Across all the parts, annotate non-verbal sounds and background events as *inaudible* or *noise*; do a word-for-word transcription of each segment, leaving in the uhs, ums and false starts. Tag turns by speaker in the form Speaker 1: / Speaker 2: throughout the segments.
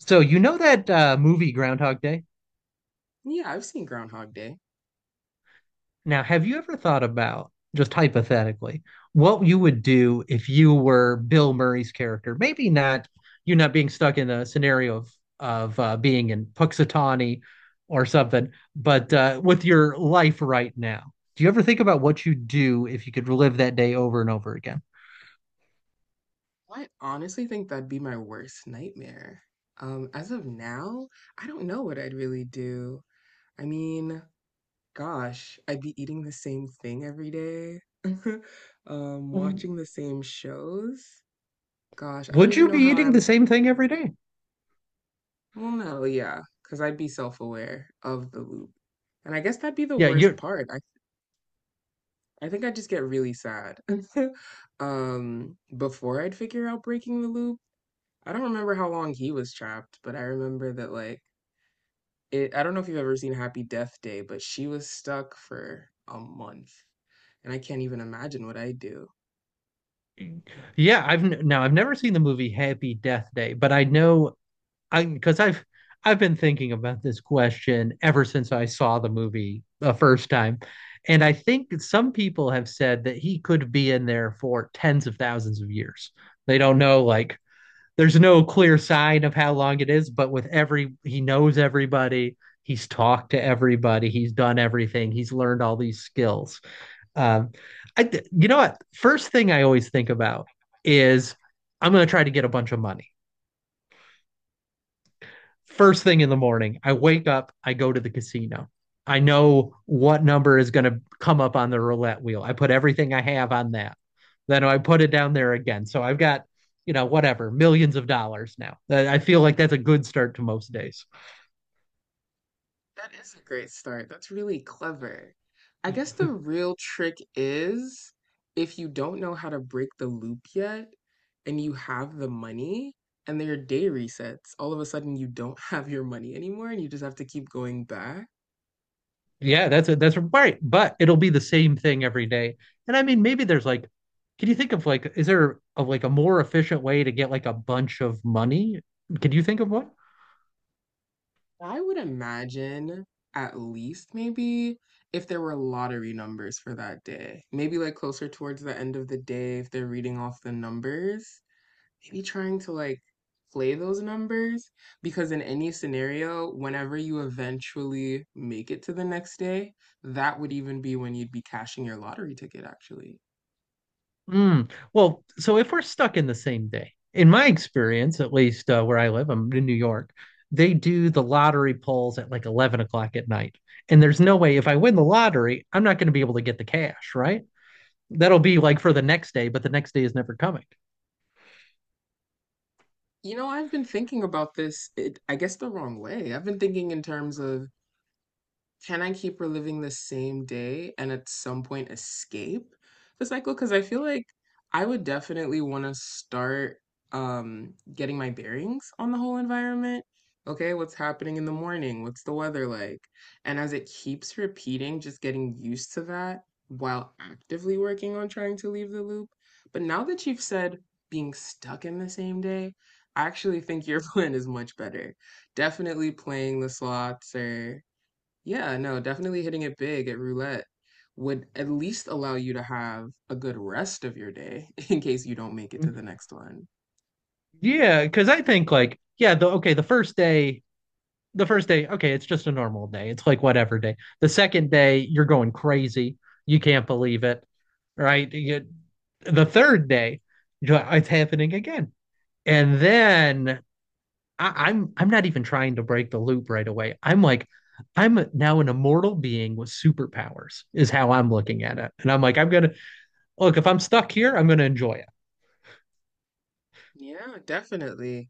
Speaker 1: So you know that uh, movie Groundhog Day?
Speaker 2: Yeah, I've seen Groundhog Day.
Speaker 1: Now, have you ever thought about, just hypothetically, what you would do if you were Bill Murray's character? Maybe not you not being stuck in a scenario of of uh, being in Puxatawny or something, but uh, with your life right now. Do you ever think about what you'd do if you could relive that day over and over again?
Speaker 2: I honestly think that'd be my worst nightmare. Um, as of now, I don't know what I'd really do. I mean, gosh, I'd be eating the same thing every day, *laughs* um,
Speaker 1: Mm.
Speaker 2: watching the same shows. Gosh, I don't
Speaker 1: Would
Speaker 2: even
Speaker 1: you be
Speaker 2: know how I
Speaker 1: eating the
Speaker 2: would.
Speaker 1: same thing every day?
Speaker 2: Well, no, yeah, because I'd be self-aware of the loop. And I guess that'd be the
Speaker 1: Yeah,
Speaker 2: worst
Speaker 1: you're.
Speaker 2: part. I I think I'd just get really sad *laughs* um before I'd figure out breaking the loop. I don't remember how long he was trapped, but I remember that like it I don't know if you've ever seen Happy Death Day, but she was stuck for a month. And I can't even imagine what I do.
Speaker 1: Yeah, I've n- now I've never seen the movie Happy Death Day, but I know I because I've I've been thinking about this question ever since I saw the movie the first time. And I think some people have said that he could be in there for tens of thousands of years. They don't know, like, there's no clear sign of how long it is, but with every, he knows everybody. He's talked to everybody. He's done everything. He's learned all these skills. Um, I, you know what? First thing I always think about is I'm going to try to get a bunch of money. First thing in the morning, I wake up, I go to the casino. I know what number is going to come up on the roulette wheel. I put everything I have on that. Then I put it down there again. So I've got, you know, whatever, millions of dollars now. I feel like that's a good start to most days.
Speaker 2: That is a great start. That's really clever. I guess the real trick is if you don't know how to break the loop yet and you have the money and their day resets, all of a sudden you don't *laughs* have your money anymore, and you just have to keep going back.
Speaker 1: Yeah, that's it. That's right. But it'll be the same thing every day. And I mean, maybe there's like, can you think of like, is there a, like a more efficient way to get like a bunch of money? Can you think of one?
Speaker 2: I would imagine at least maybe if there were lottery numbers for that day, maybe like closer towards the end of the day, if they're reading off the numbers, maybe trying to like play those numbers, because in any scenario, whenever you eventually make it to the next day, that would even be when you'd be cashing your lottery ticket, actually.
Speaker 1: Mm. Well, so if we're stuck in the same day, in my experience, at least uh, where I live, I'm in New York, they do the lottery polls at like eleven o'clock at night. And there's no way if I win the lottery, I'm not going to be able to get the cash, right? That'll be like for the next day, but the next day is never coming.
Speaker 2: You know, I've been thinking about this, it, I guess, the wrong way. I've been thinking in terms of, can I keep reliving the same day and at some point escape the cycle? Because I feel like I would definitely want to start um, getting my bearings on the whole environment. Okay, what's happening in the morning? What's the weather like? And as it keeps repeating, just getting used to that while actively working on trying to leave the loop. But now that you've said being stuck in the same day, I actually think your *laughs* plan is much better. Definitely playing the slots or yeah, no, definitely hitting it big at roulette would at least allow you to have a good rest of your day *laughs* in case you don't make it to the next one.
Speaker 1: Yeah, because I think like, yeah, the okay, the first day, the first day, okay, it's just a normal day. It's like whatever day. The second day, you're going crazy. You can't believe it, right? You, the third day, it's happening again. And then I, I'm I'm not even trying to break the loop right away. I'm like, I'm now an immortal being with superpowers, is how I'm looking at it. And I'm like, I'm gonna look, if I'm stuck here, I'm gonna enjoy it.
Speaker 2: Yeah, definitely.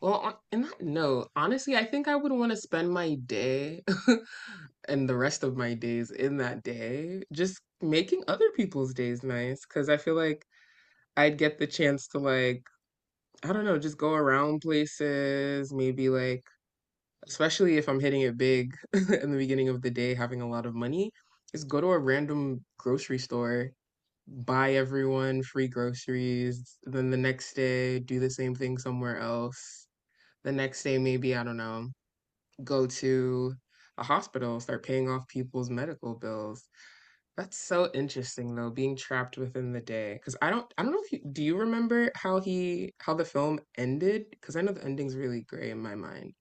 Speaker 2: Well, on, in that note, honestly, I think I would want to spend my day *laughs* and the rest of my days in that day just making other people's days nice, because I feel like I'd get the chance to like, I don't know, just go around places, maybe like, especially if I'm hitting it big *laughs* in the beginning of the day, having a lot of money, is go to a random grocery store, buy everyone free groceries, then the next day do the same thing somewhere else. The next day, maybe, I don't know, go to a hospital, start paying off people's medical bills. That's so interesting though, being trapped within the day. Because I don't, I don't know if you, do you remember how he, how the film ended? Because I know the ending's really gray in my mind.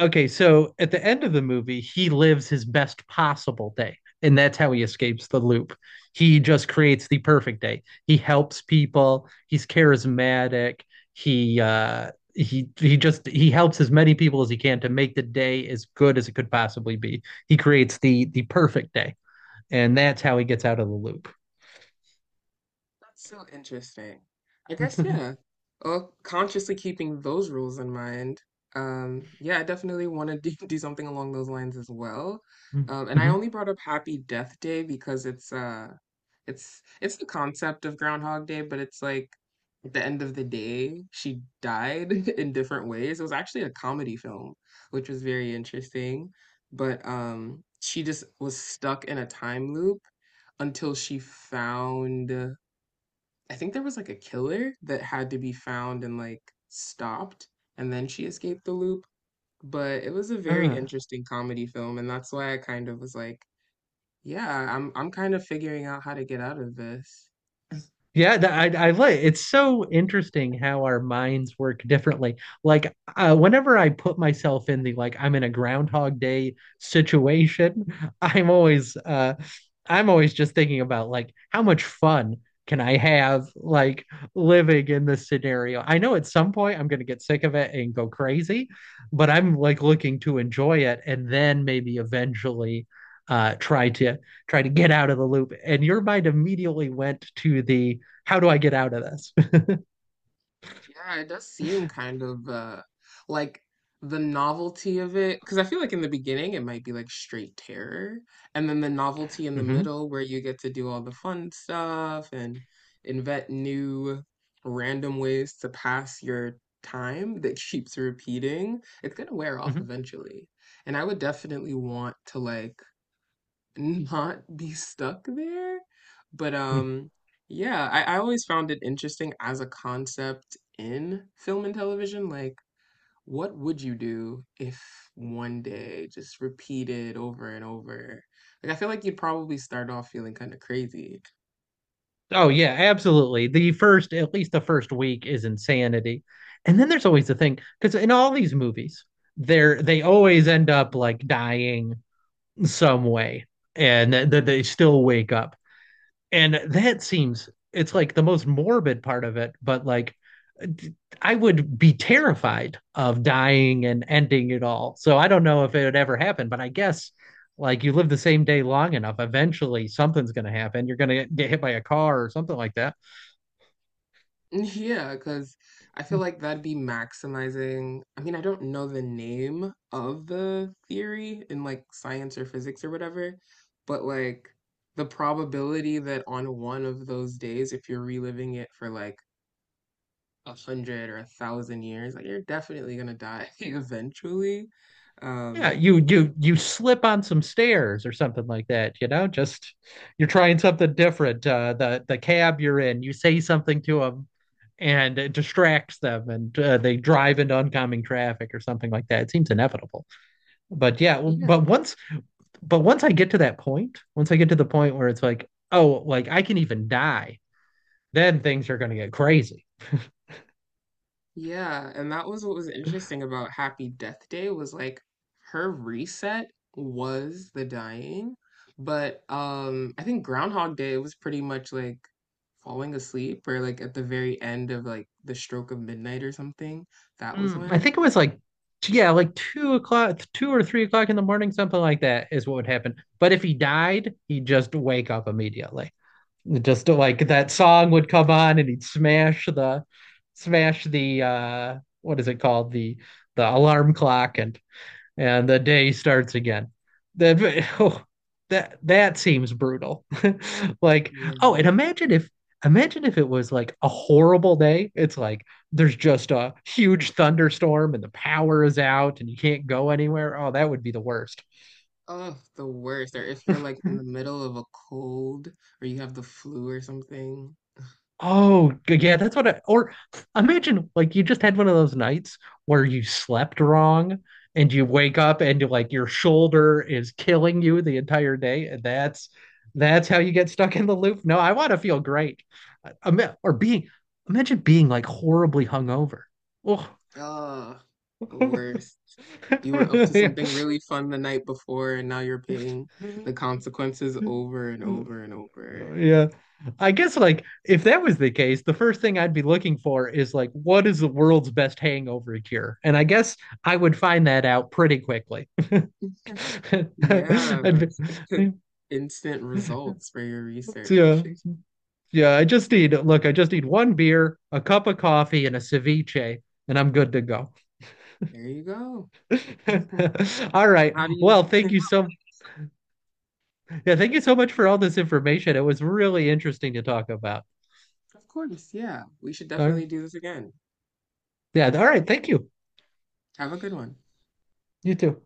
Speaker 1: Okay, so at the end of the movie, he lives his best possible day, and that's how he escapes the loop. He just creates the perfect day. He helps people. He's charismatic. He uh he he just he helps as many people as he can to make the day as good as it could possibly be. He creates the the perfect day, and that's how he gets out of the loop.
Speaker 2: That's so interesting. I guess, yeah.
Speaker 1: *laughs*
Speaker 2: Well, consciously keeping those rules in mind, um, yeah, I definitely want to do, *laughs* do something along those lines as well. Um, and I
Speaker 1: Mhm.
Speaker 2: only brought up Happy Death Day because it's uh It's it's the concept of Groundhog Day, but it's like at the end of the day, she died *laughs* in different ways. It was actually a comedy film, which was very interesting. But um, she just was stuck in a time loop until she found, I think there was like a killer that had to be found and like stopped, and then she escaped the loop. But it was a very
Speaker 1: Ah.
Speaker 2: interesting comedy film, and that's why I kind of was like, yeah, I'm I'm kind of figuring out how to get out of this.
Speaker 1: Yeah, th- I, I like it's so interesting how our minds work differently. Like uh, whenever I put myself in the like I'm in a Groundhog Day situation, *laughs* I'm always uh, I'm always just thinking about like how much fun can I have like living in this scenario. I know at some point I'm gonna get sick of it and go crazy, but I'm like looking to enjoy it and then maybe eventually uh, try to try to get out of the loop. And your mind immediately went to the how do I get out of this? *laughs*
Speaker 2: Yeah, it does seem kind of uh like the novelty of it, because I feel like in the beginning it might be like straight terror, and then the novelty in the
Speaker 1: Mm-hmm.
Speaker 2: middle where you get to do all the fun stuff and invent new random ways to pass your time that *laughs* keeps repeating, it's gonna wear off
Speaker 1: Mm-hmm.
Speaker 2: eventually. And I would definitely want to like not be stuck there. But um yeah, I, I always found it interesting as a concept in film and television. Like, what would you do if one day just repeated over and over? Like I feel like you'd probably start off feeling kind of crazy.
Speaker 1: Oh yeah, absolutely. The first, at least the first week, is insanity, and then there's always the thing because in all these movies, they're they always end up like dying some way, and th- th- they still wake up. And that seems it's like the most morbid part of it, but like I would be terrified of dying and ending it all. So I don't know if it would ever happen, but I guess like you live the same day long enough, eventually something's going to happen. You're going to get hit by a car or something like that.
Speaker 2: Yeah, because I feel like that'd be maximizing. I mean, I don't know the name of the theory in like science or physics or whatever, but like the probability that on one of those days, if you're reliving it for like a hundred or a thousand years, like you're definitely gonna die *laughs* eventually.
Speaker 1: Yeah,
Speaker 2: Um,
Speaker 1: you you you slip on some stairs or something like that, you know, just you're trying something different. Uh, the the cab you're in, you say something to them and it distracts them and uh, they drive into oncoming traffic or something like that. It seems inevitable. But yeah,
Speaker 2: yeah.
Speaker 1: but once but once I get to that point, once I get to the point where it's like, oh, like I can even die, then things are going to get crazy.
Speaker 2: Yeah, and that was what was interesting about Happy Death Day was like her reset was the dying, but um I think Groundhog Day was pretty much like falling asleep or like at the very end of like the stroke of midnight or something. That was
Speaker 1: Mm, I
Speaker 2: when.
Speaker 1: think it was like, yeah, like two o'clock, two or three o'clock in the morning, something like that is what would happen. But if he died, he'd just wake up immediately. Just like that song would come on and he'd smash the, smash the, uh, what is it called? The, the alarm clock and and the day starts again. That *laughs* oh, that that seems brutal. *laughs* like
Speaker 2: Yeah.
Speaker 1: oh, and imagine if imagine if it was like a horrible day. It's like there's just a huge thunderstorm and the power is out and you can't go anywhere. Oh, that would be the worst.
Speaker 2: Oh, the worst. Or if you're like in the
Speaker 1: *laughs*
Speaker 2: middle of a cold or you have the flu or something.
Speaker 1: Oh, g- yeah, that's what I, or imagine like you just had one of those nights where you slept wrong and you wake up and you like your shoulder is killing you the entire day, and that's that's how you get stuck in the loop. No, I want to feel great. I, I or being imagine being like horribly hungover. Oh.
Speaker 2: Oh, the worst. You were up to something
Speaker 1: *laughs*
Speaker 2: really fun the night before, and now you're paying the consequences over and
Speaker 1: Yeah.
Speaker 2: over and over.
Speaker 1: Yeah. I guess like if that was the case, the first thing I'd be looking for is like what is the world's best hangover cure? And I guess I would find that out pretty quickly. *laughs*
Speaker 2: Yeah.
Speaker 1: I'd
Speaker 2: *laughs*
Speaker 1: be-
Speaker 2: Instant results for your
Speaker 1: yeah.
Speaker 2: research.
Speaker 1: Yeah, I just need look, I just need one beer, a cup of coffee, and a ceviche, and I'm good to go.
Speaker 2: There you go. Mhm.
Speaker 1: *laughs* All right.
Speaker 2: And how do you?
Speaker 1: Well, thank you so yeah, thank you so much for all this information. It was really interesting to talk about.
Speaker 2: Of course, yeah. We should
Speaker 1: All right.
Speaker 2: definitely do this again.
Speaker 1: Yeah, all right, thank you.
Speaker 2: Have a good one.
Speaker 1: You too.